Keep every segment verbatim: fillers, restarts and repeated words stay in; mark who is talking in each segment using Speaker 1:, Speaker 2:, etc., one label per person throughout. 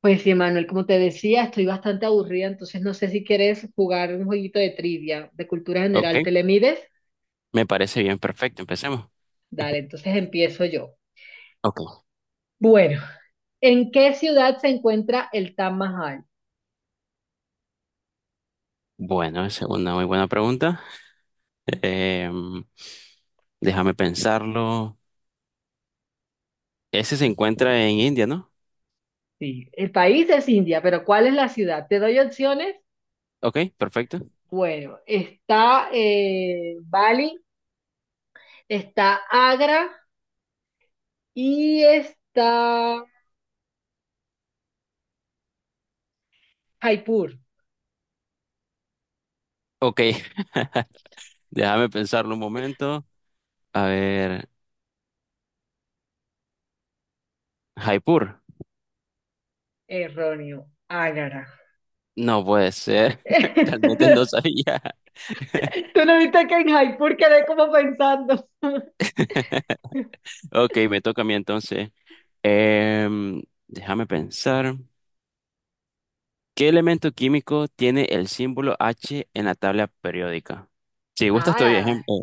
Speaker 1: Pues sí, Manuel, como te decía, estoy bastante aburrida, entonces no sé si quieres jugar un jueguito de trivia de cultura
Speaker 2: Ok,
Speaker 1: general. ¿Te le mides?
Speaker 2: me parece bien, perfecto, empecemos.
Speaker 1: Dale, entonces empiezo yo.
Speaker 2: Ok,
Speaker 1: Bueno, ¿en qué ciudad se encuentra el Taj Mahal?
Speaker 2: bueno, esa es una muy buena pregunta. Em, Déjame pensarlo. Ese se encuentra en India, ¿no?
Speaker 1: Sí, el país es India, pero ¿cuál es la ciudad? ¿Te doy opciones?
Speaker 2: Ok, perfecto.
Speaker 1: Bueno, está eh, Bali, está Agra y está Jaipur.
Speaker 2: Ok, déjame pensarlo un momento. A ver, Jaipur.
Speaker 1: Erróneo, Agra.
Speaker 2: No puede ser, realmente no sabía.
Speaker 1: ¿Tú no viste que en Jaipur quedé como pensando?
Speaker 2: Ok, me toca a mí entonces. Em, Déjame pensar. ¿Qué elemento químico tiene el símbolo H en la tabla periódica? Si gustas, estoy
Speaker 1: Ah,
Speaker 2: ejemplo.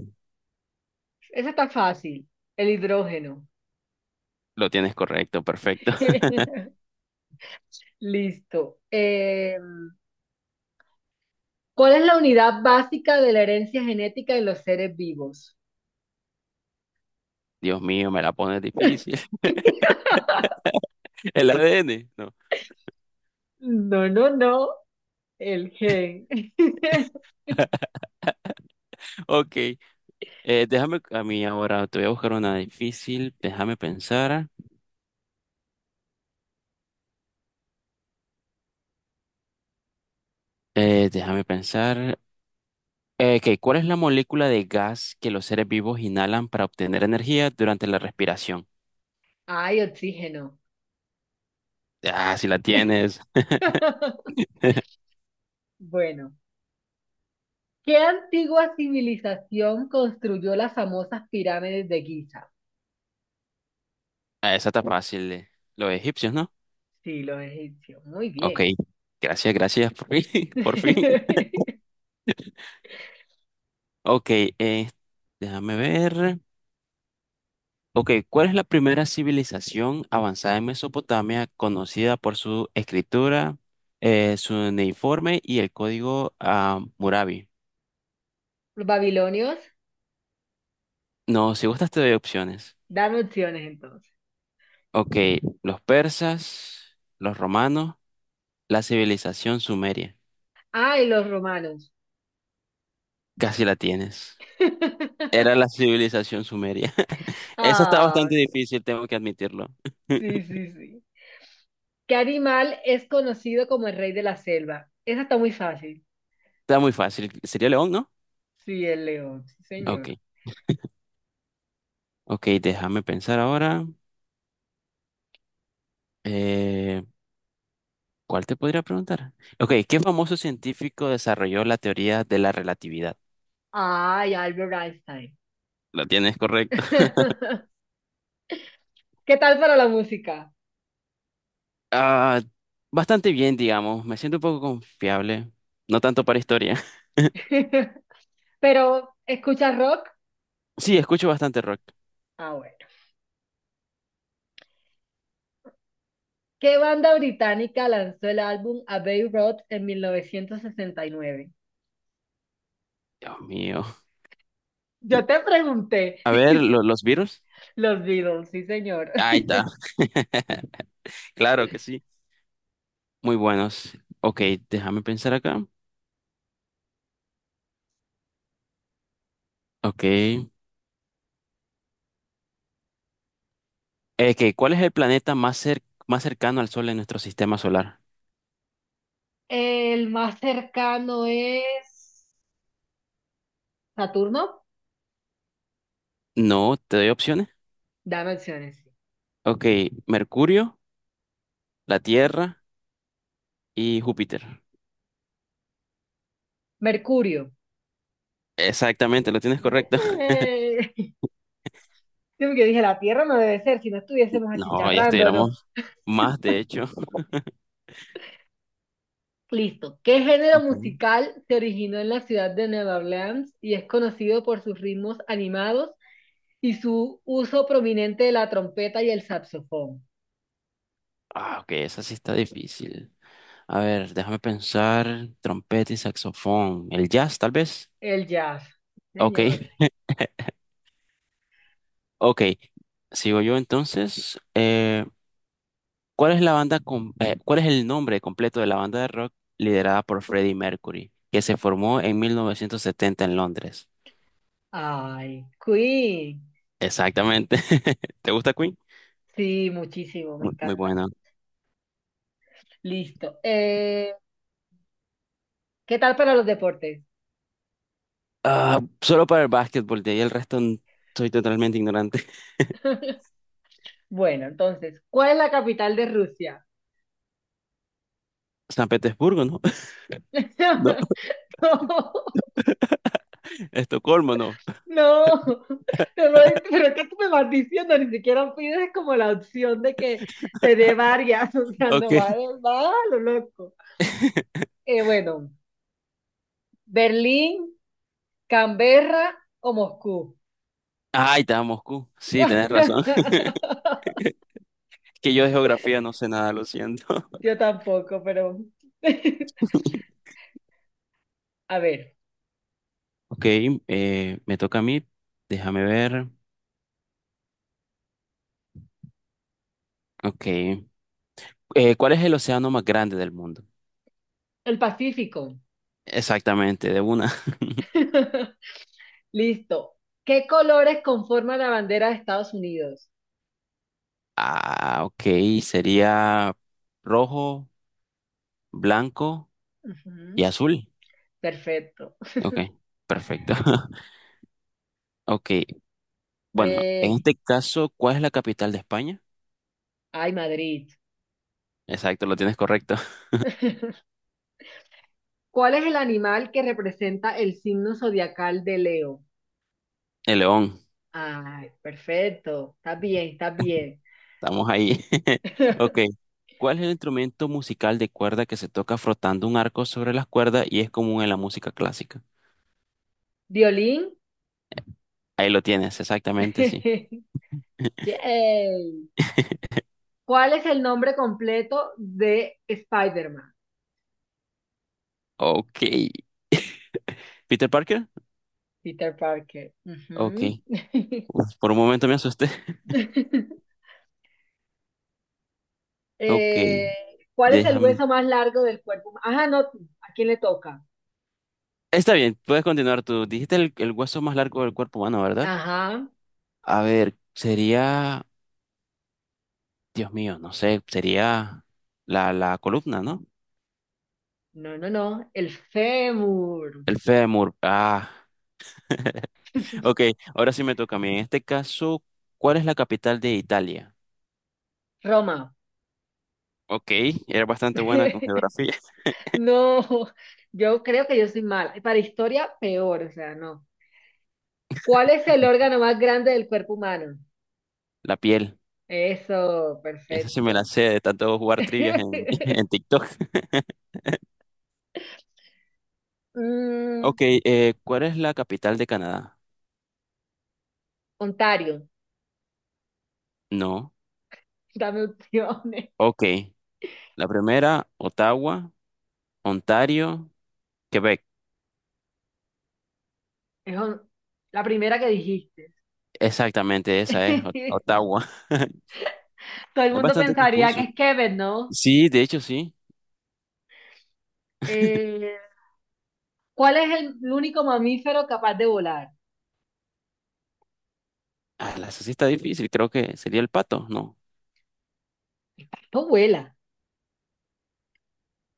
Speaker 1: esa está fácil. El hidrógeno.
Speaker 2: Lo tienes correcto, perfecto.
Speaker 1: Listo. Eh, ¿cuál es la unidad básica de la herencia genética de los seres vivos?
Speaker 2: Dios mío, me la pones difícil. El A D N, no.
Speaker 1: No, no, no. El gen.
Speaker 2: Ok, eh, déjame a mí ahora, te voy a buscar una difícil. Déjame pensar. Eh, déjame pensar. Eh, ok, ¿cuál es la molécula de gas que los seres vivos inhalan para obtener energía durante la respiración?
Speaker 1: Ay, oxígeno.
Speaker 2: Ah, si la tienes.
Speaker 1: Bueno, ¿qué antigua civilización construyó las famosas pirámides de Giza?
Speaker 2: Ah, esa está fácil. eh. Los egipcios, ¿no?
Speaker 1: Sí, los egipcios. Muy
Speaker 2: Ok,
Speaker 1: bien.
Speaker 2: gracias, gracias, por fin, por fin. Ok, eh, déjame ver. Ok, ¿cuál es la primera civilización avanzada en Mesopotamia conocida por su escritura, eh, su cuneiforme y el código ah, Murabi?
Speaker 1: ¿Los babilonios?
Speaker 2: No, si gustas te doy opciones.
Speaker 1: Dame opciones entonces.
Speaker 2: Ok, los persas, los romanos, la civilización sumeria.
Speaker 1: Ay, los romanos. No.
Speaker 2: Casi la tienes. Era la civilización sumeria. Esa está bastante
Speaker 1: Ay,
Speaker 2: difícil, tengo que admitirlo.
Speaker 1: sí, sí, sí. ¿Qué animal es conocido como el rey de la selva? Esa está muy fácil.
Speaker 2: Está muy fácil. ¿Sería León, no?
Speaker 1: Sí, el león, sí,
Speaker 2: Ok,
Speaker 1: señor.
Speaker 2: ok, déjame pensar ahora. Eh, ¿Cuál te podría preguntar? Ok, ¿qué famoso científico desarrolló la teoría de la relatividad?
Speaker 1: Ay, Albert Einstein.
Speaker 2: ¿Lo tienes correcto?
Speaker 1: ¿Qué tal para la música?
Speaker 2: Ah, bastante bien, digamos. Me siento un poco confiable. No tanto para historia.
Speaker 1: Pero, ¿escuchas rock?
Speaker 2: Sí, escucho bastante rock.
Speaker 1: Ah, bueno. ¿Qué banda británica lanzó el álbum Abbey Road en mil novecientos sesenta y nueve?
Speaker 2: Dios mío.
Speaker 1: Yo te pregunté.
Speaker 2: A ver, ¿lo- los Beatles.
Speaker 1: Los Beatles, sí, señor.
Speaker 2: Ahí está. Claro que sí. Muy buenos. Ok, déjame pensar acá. Ok. Eh, que, ¿cuál es el planeta más cer- más cercano al Sol en nuestro sistema solar?
Speaker 1: El más cercano es Saturno.
Speaker 2: No, te doy opciones.
Speaker 1: Dame opciones.
Speaker 2: Ok, Mercurio, la Tierra. Y Júpiter.
Speaker 1: Mercurio.
Speaker 2: Exactamente, lo tienes correcto.
Speaker 1: Yo que dije, la Tierra no debe ser, si no estuviésemos
Speaker 2: No, ya
Speaker 1: achicharrándonos.
Speaker 2: estuviéramos más, de hecho.
Speaker 1: Listo. ¿Qué género
Speaker 2: Ok.
Speaker 1: musical se originó en la ciudad de Nueva Orleans y es conocido por sus ritmos animados y su uso prominente de la trompeta y el saxofón?
Speaker 2: Ah, ok, esa sí está difícil. A ver, déjame pensar. Trompeta y saxofón. El jazz, tal vez.
Speaker 1: El jazz. Sí,
Speaker 2: Ok,
Speaker 1: señor.
Speaker 2: ok. Sigo yo entonces. Eh, ¿cuál es la banda com- eh, ¿cuál es el nombre completo de la banda de rock liderada por Freddie Mercury, que se formó en mil novecientos setenta en Londres?
Speaker 1: Ay, Queen.
Speaker 2: Exactamente. ¿Te gusta Queen?
Speaker 1: Sí, muchísimo, me
Speaker 2: Mu- Muy,
Speaker 1: encanta.
Speaker 2: bueno.
Speaker 1: Listo. Eh, ¿qué tal para los deportes?
Speaker 2: Ah, solo para el básquetbol, de ahí el resto n- soy totalmente ignorante.
Speaker 1: Bueno, entonces, ¿cuál es la capital de Rusia?
Speaker 2: San Petersburgo, ¿no? No.
Speaker 1: No, no,
Speaker 2: Estocolmo, ¿no.
Speaker 1: no, no, pero es que tú me vas diciendo, ni siquiera pides como la opción de que te dé varias, o sea, no
Speaker 2: Ok.
Speaker 1: va, va a lo loco. Eh, bueno, Berlín, Canberra o Moscú.
Speaker 2: Ah, ahí está, Moscú. Sí, tenés razón. Es que yo de geografía no sé nada, lo siento.
Speaker 1: Yo tampoco, pero a ver,
Speaker 2: Ok, eh, me toca a mí. Déjame ver. Ok. Eh, ¿cuál es el océano más grande del mundo?
Speaker 1: el Pacífico.
Speaker 2: Exactamente, de una.
Speaker 1: Listo. ¿Qué colores conforman la bandera de Estados Unidos?
Speaker 2: Ah, ok. Sería rojo, blanco y
Speaker 1: Ujú,
Speaker 2: azul.
Speaker 1: perfecto.
Speaker 2: Ok, perfecto. Ok, bueno, en
Speaker 1: Eh,
Speaker 2: este caso, ¿cuál es la capital de España?
Speaker 1: Ay, Madrid.
Speaker 2: Exacto, lo tienes correcto.
Speaker 1: ¿Cuál es el animal que representa el signo zodiacal de Leo?
Speaker 2: El león.
Speaker 1: Ay, perfecto. Está bien, está bien.
Speaker 2: Estamos ahí. Ok. ¿Cuál es el instrumento musical de cuerda que se toca frotando un arco sobre las cuerdas y es común en la música clásica?
Speaker 1: Violín.
Speaker 2: Ahí lo tienes, exactamente, sí.
Speaker 1: Yay. ¿Cuál es el nombre completo de Spider-Man?
Speaker 2: Ok. ¿Peter Parker?
Speaker 1: Peter Parker.
Speaker 2: Ok.
Speaker 1: Ujú.
Speaker 2: Uf, por un momento me asusté. Ok,
Speaker 1: Eh, ¿cuál es el
Speaker 2: déjame.
Speaker 1: hueso más largo del cuerpo? Huma- ajá, no, tú. ¿A quién le toca?
Speaker 2: Está bien, puedes continuar tú. Dijiste el, el hueso más largo del cuerpo humano, ¿verdad?
Speaker 1: Ajá.
Speaker 2: A ver, sería, Dios mío, no sé, sería la, la columna, ¿no?
Speaker 1: No, no, no. El fémur.
Speaker 2: El fémur. Ah, Ok, ahora sí me toca a mí. En este caso, ¿cuál es la capital de Italia?
Speaker 1: Roma.
Speaker 2: Ok, era bastante buena con geografía.
Speaker 1: No, yo creo que yo soy mala. Y para historia, peor, o sea, no. ¿Cuál es el órgano más grande del cuerpo humano?
Speaker 2: La piel.
Speaker 1: Eso,
Speaker 2: Esa sí me la
Speaker 1: perfecto.
Speaker 2: sé de tanto jugar trivias en, en TikTok.
Speaker 1: Mm,
Speaker 2: Ok, eh, ¿cuál es la capital de Canadá?
Speaker 1: Ontario,
Speaker 2: No.
Speaker 1: dame opciones.
Speaker 2: Ok, la primera, Ottawa, Ontario, Quebec.
Speaker 1: Es on- la primera que dijiste.
Speaker 2: Exactamente, esa es, Ot- Ottawa.
Speaker 1: Todo el
Speaker 2: Es
Speaker 1: mundo
Speaker 2: bastante
Speaker 1: pensaría que
Speaker 2: confuso.
Speaker 1: es Kevin, ¿no?
Speaker 2: Sí, de hecho sí.
Speaker 1: Eh, ¿cuál es el, el único mamífero capaz de volar?
Speaker 2: Ah, la esa sí está difícil. Creo que sería el pato, ¿no?
Speaker 1: No vuela.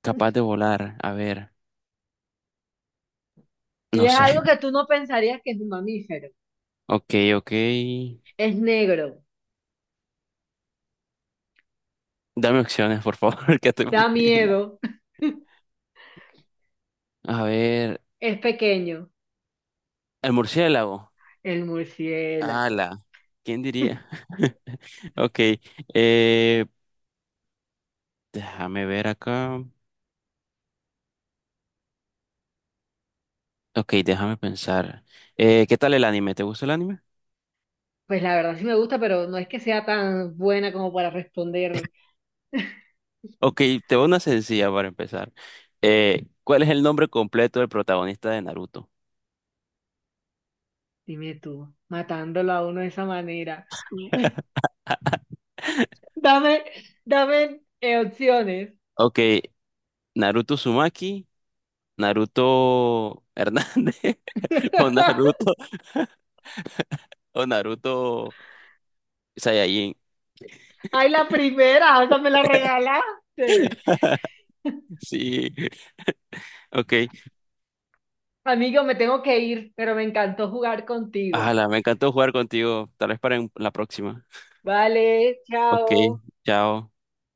Speaker 2: Capaz de volar. A ver,
Speaker 1: Y
Speaker 2: no
Speaker 1: es algo
Speaker 2: sé.
Speaker 1: que tú no pensarías que es un mamífero.
Speaker 2: Ok, ok.
Speaker 1: Es negro,
Speaker 2: Dame opciones, por favor, que estoy muy
Speaker 1: da
Speaker 2: mal.
Speaker 1: miedo.
Speaker 2: A ver,
Speaker 1: Es pequeño,
Speaker 2: el murciélago.
Speaker 1: el murciélago.
Speaker 2: Ala, ¿quién diría? Ok, eh, déjame ver acá. Ok, déjame pensar. Eh, ¿qué tal el anime? ¿Te gusta el anime?
Speaker 1: Pues la verdad sí me gusta, pero no es que sea tan buena como para responder,
Speaker 2: Ok, te voy a una sencilla para empezar. Eh, ¿cuál es el nombre completo del protagonista de Naruto?
Speaker 1: dime tú, matándolo a uno de esa manera. Dame, dame eh, opciones.
Speaker 2: Ok, Naruto Sumaki, Naruto Hernández o Naruto o Naruto Saiyajin.
Speaker 1: Ay, la primera, esa me la regalaste.
Speaker 2: Sí, ok.
Speaker 1: Amigo, me tengo que ir, pero me encantó jugar contigo.
Speaker 2: Ala, me encantó jugar contigo. Tal vez para en- la próxima.
Speaker 1: Vale,
Speaker 2: Ok,
Speaker 1: chao.
Speaker 2: chao.